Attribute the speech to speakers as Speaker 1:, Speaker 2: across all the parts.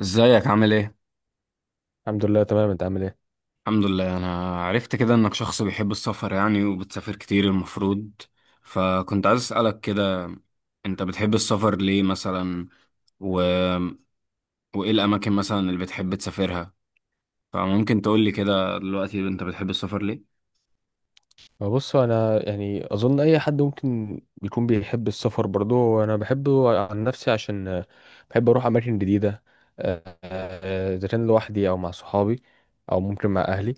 Speaker 1: ازيك عامل ايه؟
Speaker 2: الحمد لله، تمام. انت عامل ايه؟
Speaker 1: الحمد لله، انا عرفت كده انك شخص بيحب السفر، يعني وبتسافر كتير المفروض. فكنت عايز اسألك كده، انت بتحب السفر ليه مثلا و... وايه الاماكن مثلا اللي بتحب تسافرها؟ فممكن تقولي كده دلوقتي انت بتحب السفر ليه؟
Speaker 2: بص، انا يعني اظن اي حد ممكن يكون بيحب السفر برضه، وانا بحبه عن نفسي عشان بحب اروح اماكن جديده. اذا كان لوحدي او مع صحابي او ممكن مع اهلي.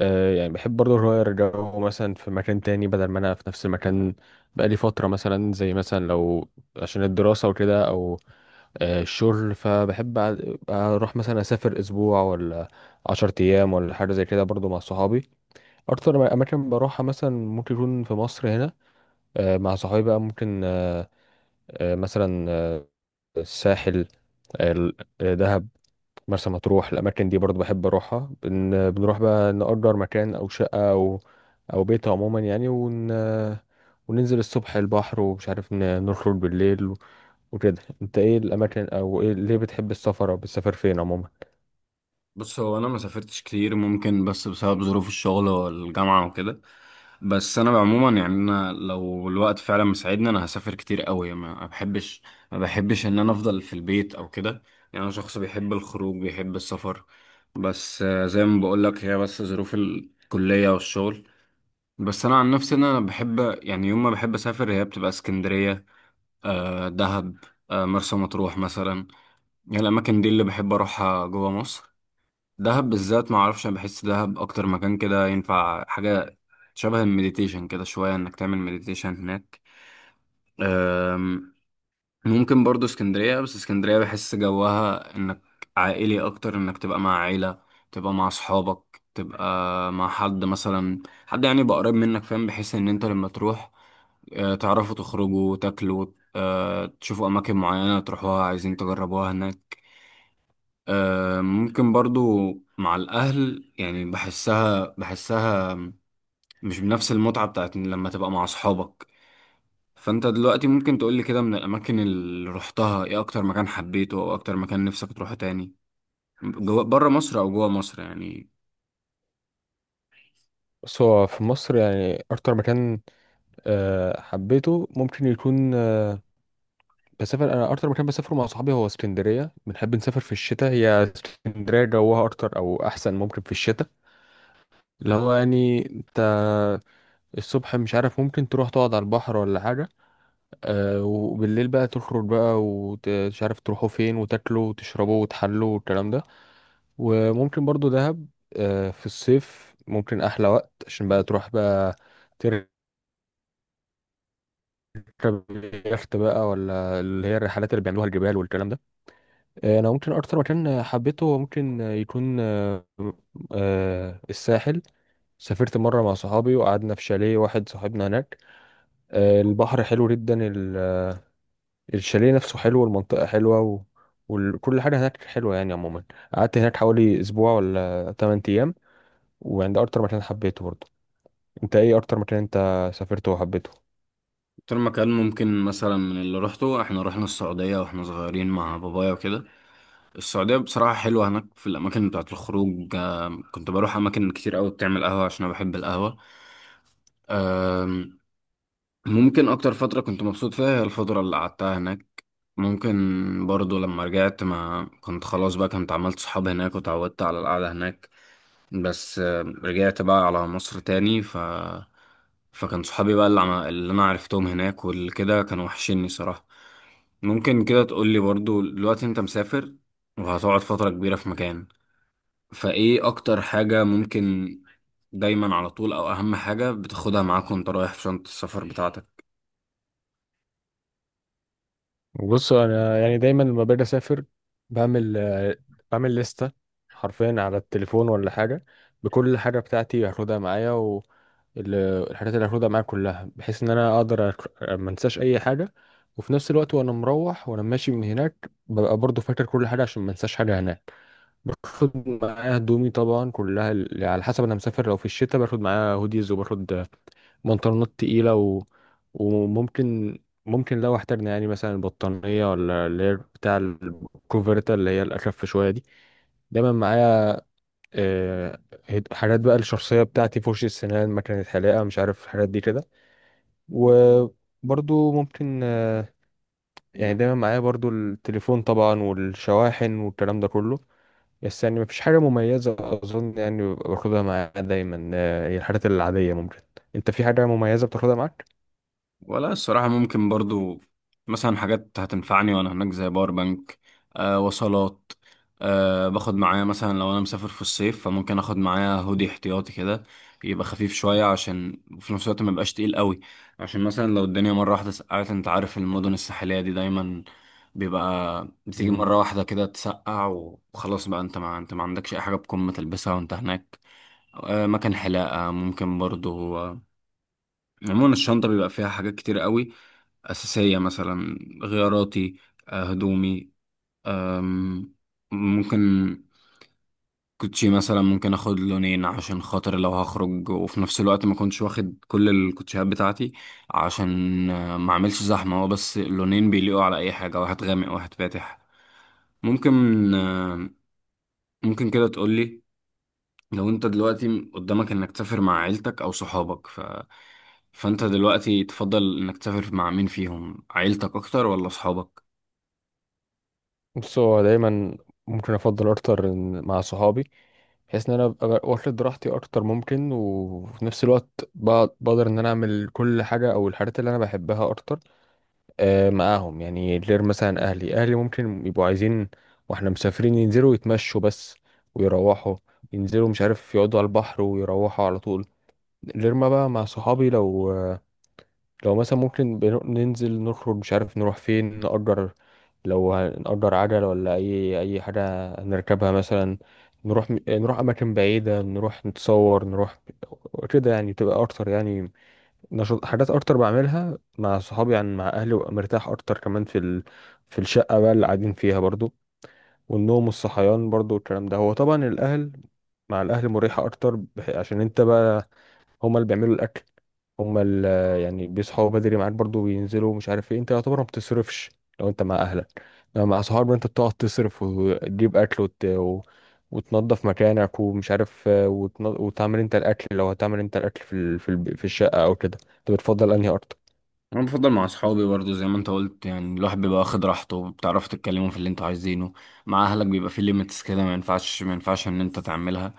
Speaker 2: يعني بحب برضه اغير جو، مثلا في مكان تاني بدل ما انا في نفس المكان بقالي فتره، مثلا زي مثلا لو عشان الدراسه وكده، او الشغل. فبحب اروح مثلا اسافر اسبوع ولا عشرة ايام ولا حاجه زي كده برضه مع صحابي. اكتر اماكن بروحها مثلا ممكن يكون في مصر هنا، مع صحابي بقى. ممكن مثلا الساحل، دهب، مرسى مطروح. الاماكن دي برضو بحب اروحها، بنروح بقى نأجر مكان او شقة او بيت عموما يعني، وننزل الصبح البحر، ومش عارف، نخرج بالليل وكده. انت ايه الاماكن، او ايه ليه بتحب السفر او بتسافر فين عموما؟
Speaker 1: بص، هو انا ما سافرتش كتير ممكن، بس بسبب ظروف الشغل والجامعة وكده. بس انا عموما يعني انا لو الوقت فعلا مساعدني انا هسافر كتير قوي. ما بحبش ان انا افضل في البيت او كده. يعني انا شخص بيحب الخروج بيحب السفر. بس زي ما بقول لك، هي بس ظروف الكلية والشغل. بس انا عن نفسي ان انا بحب، يعني يوم ما بحب اسافر هي بتبقى اسكندرية، آه دهب، آه مرسى مطروح مثلا. يعني الاماكن دي اللي بحب اروحها جوه مصر. دهب بالذات، ما اعرفش، انا بحس دهب اكتر مكان كده ينفع حاجه شبه المديتيشن، كده شويه انك تعمل مديتيشن هناك. أم، ممكن برضو اسكندريه، بس اسكندريه بحس جوها انك عائلي اكتر، انك تبقى مع عيله، تبقى مع اصحابك، تبقى مع حد مثلا، حد يعني يبقى قريب منك، فاهم، بحيث ان انت لما تروح تعرفوا تخرجوا تاكلوا، تشوفوا اماكن معينه تروحوها عايزين تجربوها هناك. ممكن برضو مع الأهل يعني بحسها مش بنفس المتعة بتاعت لما تبقى مع أصحابك. فأنت دلوقتي ممكن تقولي كده، من الأماكن اللي روحتها إيه أكتر مكان حبيته، أو أكتر مكان نفسك تروحه تاني، جوا بره مصر أو جوا مصر يعني؟
Speaker 2: بس هو في مصر يعني اكتر مكان حبيته ممكن يكون، بسافر انا اكتر مكان بسافره مع صحابي هو اسكندريه. بنحب نسافر في الشتاء، هي اسكندريه جوها اكتر او احسن ممكن في الشتاء، اللي هو يعني انت الصبح مش عارف ممكن تروح تقعد على البحر ولا حاجه. وبالليل بقى تخرج بقى، ومش عارف تروحوا فين، وتاكلوا وتشربوا وتحلوا والكلام ده. وممكن برضو دهب، في الصيف ممكن احلى وقت، عشان بقى تروح بقى تركب يخت بقى، ولا اللي هي الرحلات اللي بيعملوها الجبال والكلام ده. انا ممكن اكتر مكان حبيته ممكن يكون الساحل. سافرت مرة مع صحابي وقعدنا في شاليه واحد صاحبنا هناك. البحر حلو جدا، الشاليه نفسه حلو، والمنطقة حلوة وكل حاجة هناك حلوة يعني عموما. قعدت هناك حوالي أسبوع ولا 8 أيام. وعند أكتر مكان حبيته برضه. أنت إيه أكتر مكان أنت سافرته وحبيته؟
Speaker 1: أكتر مكان ممكن مثلا من اللي روحته، إحنا رحنا السعودية وإحنا صغيرين مع بابايا وكده. السعودية بصراحة حلوة، هناك في الأماكن بتاعت الخروج، كنت بروح أماكن كتير أوي بتعمل قهوة عشان أنا بحب القهوة. ممكن اكتر فترة كنت مبسوط فيها هي الفترة اللي قعدتها هناك. ممكن برضو لما رجعت، ما كنت خلاص بقى كنت عملت صحاب هناك وتعودت على القعدة هناك. بس رجعت بقى على مصر تاني، فكان صحابي بقى اللي، اللي انا عرفتهم هناك والكده كانوا وحشيني صراحة. ممكن كده تقول لي برضو، دلوقتي انت مسافر وهتقعد فترة كبيرة في مكان، فايه اكتر حاجة ممكن دايما على طول، او اهم حاجة بتاخدها معاك وانت رايح في شنطة السفر بتاعتك؟
Speaker 2: بص، انا يعني دايما لما باجي اسافر بعمل آه، بعمل لستة حرفيا على التليفون ولا حاجة بكل حاجة بتاعتي هاخدها معايا. والحاجات اللي هاخدها معايا كلها بحيث ان انا اقدر ما انساش اي حاجة. وفي نفس الوقت وانا مروح وانا ماشي من هناك ببقى برضو فاكر كل حاجة عشان ما انساش حاجة هناك. باخد معايا هدومي طبعا كلها، على حسب انا مسافر. لو في الشتاء باخد معايا هوديز، وباخد بنطلونات تقيلة وممكن لو احتاجنا يعني مثلا بطانية، ولا اللي هي بتاع الكوفرتا اللي هي الأخف شوية دي، دايما معايا. آه، حاجات بقى الشخصية بتاعتي، فرشة سنان، مكنة حلاقة، مش عارف الحاجات دي كده. وبرضو ممكن، يعني دايما معايا برضو التليفون طبعا، والشواحن والكلام ده كله. بس يعني مفيش حاجة مميزة أظن يعني باخدها معايا دايما، هي الحاجات العادية ممكن. أنت في حاجة مميزة بتاخدها معاك؟
Speaker 1: ولا الصراحة ممكن برضو مثلا حاجات هتنفعني وأنا هناك، زي باور بانك، آه وصلات، آه باخد معايا مثلا لو أنا مسافر في الصيف فممكن آخد معايا هودي احتياطي كده يبقى خفيف شوية، عشان وفي نفس الوقت ما يبقاش تقيل قوي، عشان مثلا لو الدنيا مرة واحدة سقعت. أنت عارف المدن الساحلية دي دايما بيبقى بتيجي مرة واحدة كده تسقع، وخلاص بقى أنت ما أنت ما عندكش أي حاجة بكم تلبسها وأنت هناك. آه مكان حلاقة ممكن برضو، عموما الشنطة بيبقى فيها حاجات كتير قوي أساسية، مثلا غياراتي، هدومي، أم، ممكن كوتشي مثلا، ممكن اخد لونين عشان خاطر لو هخرج وفي نفس الوقت ما كنتش واخد كل الكوتشيات بتاعتي، عشان ما اعملش زحمة، هو بس اللونين بيليقوا على اي حاجة، واحد غامق واحد فاتح. ممكن آه، ممكن كده تقولي، لو انت دلوقتي قدامك انك تسافر مع عيلتك او صحابك، فانت دلوقتي تفضل انك تسافر مع مين فيهم، عيلتك اكتر ولا صحابك؟
Speaker 2: بص، هو دايما ممكن افضل اكتر مع صحابي، بحيث ان انا ابقى واخد راحتي اكتر ممكن. وفي نفس الوقت بقدر ان انا اعمل كل حاجه او الحاجات اللي انا بحبها اكتر معاهم يعني. غير مثلا اهلي ممكن يبقوا عايزين واحنا مسافرين ينزلوا يتمشوا بس، ويروحوا ينزلوا مش عارف، يقعدوا على البحر ويروحوا على طول. غير ما بقى مع صحابي، لو مثلا ممكن ننزل نخرج مش عارف نروح فين، نأجر، لو هنأجر عجل ولا أي حاجة هنركبها مثلا، نروح أماكن بعيدة، نروح نتصور، نروح كده يعني. تبقى أكتر يعني نشاط، حاجات أكتر بعملها مع صحابي يعني مع أهلي. وأبقى مرتاح أكتر كمان في الشقة بقى اللي قاعدين فيها برضو، والنوم والصحيان برضو والكلام ده. هو طبعا الأهل، مع الأهل مريحة أكتر عشان أنت بقى هما اللي بيعملوا الاكل، هما اللي يعني بيصحوا بدري معاك برضو، بينزلوا مش عارف ايه. انت يعتبر ما بتصرفش لو انت مع اهلك. لو مع صحابك انت بتقعد تصرف وتجيب اكل وتنظف مكانك ومش عارف، وتعمل انت الاكل، لو هتعمل انت الاكل في ال... في, الب... في الشقه او كده. انت بتفضل انهي اكتر؟
Speaker 1: انا بفضل مع اصحابي برضو زي ما انت قلت، يعني الواحد بيبقى واخد راحته، بتعرفوا تتكلموا في اللي انتوا عايزينه. مع اهلك بيبقى في ليميتس كده، ما ينفعش ان انت تعملها.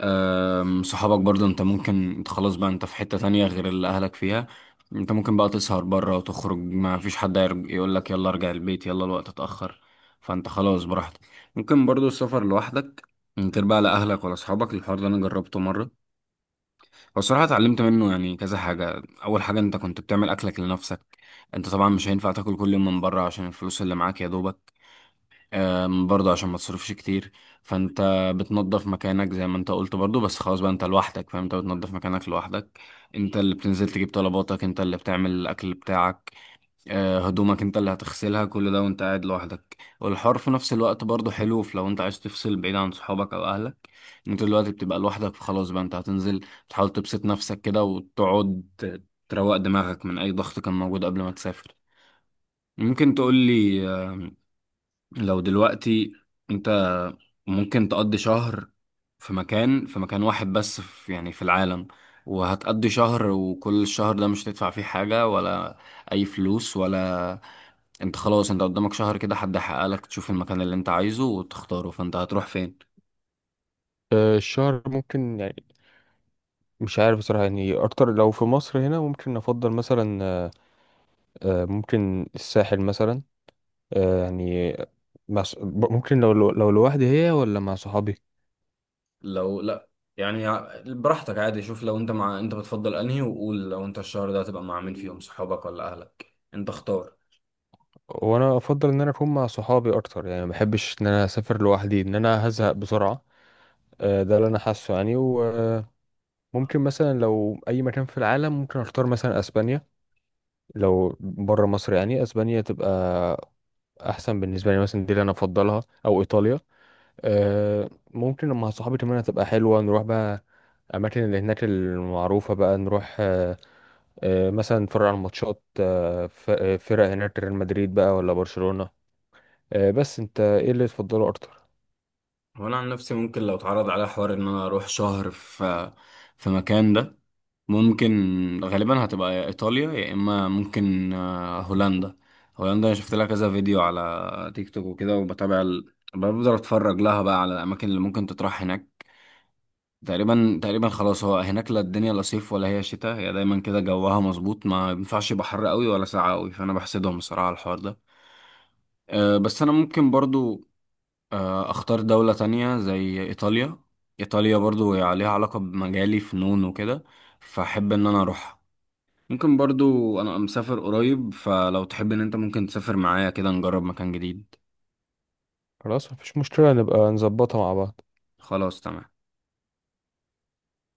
Speaker 1: صحابك برضو انت ممكن، انت خلاص بقى انت في حتة تانية غير اللي اهلك فيها. انت ممكن بقى تسهر بره وتخرج، ما فيش حد يقول لك يلا ارجع البيت، يلا الوقت اتأخر. فانت خلاص براحتك. ممكن برضو السفر لوحدك، من غير بقى لا اهلك ولا اصحابك. الحوار ده انا جربته مرة. بصراحة اتعلمت منه يعني كذا حاجة. أول حاجة، أنت كنت بتعمل أكلك لنفسك. أنت طبعا مش هينفع تاكل كل يوم من بره عشان الفلوس اللي معاك يا دوبك، برضه عشان ما تصرفش كتير. فأنت بتنظف مكانك زي ما أنت قلت برضه، بس خلاص بقى أنت لوحدك فأنت بتنظف مكانك لوحدك. أنت اللي بتنزل تجيب طلباتك، أنت اللي بتعمل الأكل بتاعك. هدومك انت اللي هتغسلها، كل ده وانت قاعد لوحدك. والحوار في نفس الوقت برضه حلو في، لو انت عايز تفصل بعيد عن صحابك او اهلك، انت دلوقتي بتبقى لوحدك فخلاص بقى انت هتنزل تحاول تبسط نفسك كده وتقعد تروق دماغك من اي ضغط كان موجود قبل ما تسافر. ممكن تقول لي لو دلوقتي انت ممكن تقضي شهر في مكان، في مكان واحد بس، في يعني في العالم، وهتقضي شهر، وكل الشهر ده مش هتدفع فيه حاجة ولا أي فلوس ولا، انت خلاص انت قدامك شهر كده حد يحقق لك تشوف المكان اللي انت عايزه وتختاره، فانت هتروح فين؟
Speaker 2: الشهر ممكن يعني مش عارف بصراحة، يعني أكتر لو في مصر هنا ممكن أفضل مثلا، ممكن الساحل مثلا. يعني مع ممكن، لو لو لو لوحدي هي، ولا مع صحابي.
Speaker 1: لو لا، يعني براحتك عادي، شوف لو انت مع، انت بتفضل انهي، وقول لو انت الشهر ده هتبقى مع مين فيهم صحابك ولا اهلك، انت اختار.
Speaker 2: وانا افضل ان انا اكون مع صحابي اكتر يعني، ما بحبش ان انا اسافر لوحدي، ان انا هزهق بسرعه. ده اللي انا حاسه يعني. وممكن مثلا لو اي مكان في العالم، ممكن اختار مثلا اسبانيا، لو بره مصر يعني. اسبانيا تبقى احسن بالنسبه لي مثلا، دي اللي انا افضلها، او ايطاليا. ممكن لما صحابي كمان هتبقى حلوه نروح بقى الأماكن اللي هناك المعروفة، بقى نروح مثلا نتفرج على الماتشات، فرق هناك، ريال مدريد بقى ولا برشلونة. بس انت ايه اللي تفضله اكتر؟
Speaker 1: وانا عن نفسي ممكن لو اتعرض عليا حوار ان انا اروح شهر في في مكان ده، ممكن غالبا هتبقى يا ايطاليا، يا اما ممكن هولندا. هولندا انا شفت لها كذا فيديو على تيك توك وكده، بفضل اتفرج لها بقى على الاماكن اللي ممكن تطرح هناك. تقريبا خلاص، هو هناك لا الدنيا لا صيف ولا هي شتاء، هي دايما كده جوها مظبوط، ما ينفعش يبقى حر قوي ولا ساقع قوي، فانا بحسدهم بصراحة على الحوار ده. أه بس انا ممكن برضو أه اختار دولة تانية زي ايطاليا. ايطاليا برضو هي عليها علاقة بمجالي فنون وكده، فاحب ان انا اروحها. ممكن برضو انا مسافر قريب، فلو تحب ان انت ممكن تسافر معايا كده نجرب مكان جديد.
Speaker 2: خلاص، مفيش مشكلة، نبقى نظبطها مع بعض.
Speaker 1: خلاص تمام.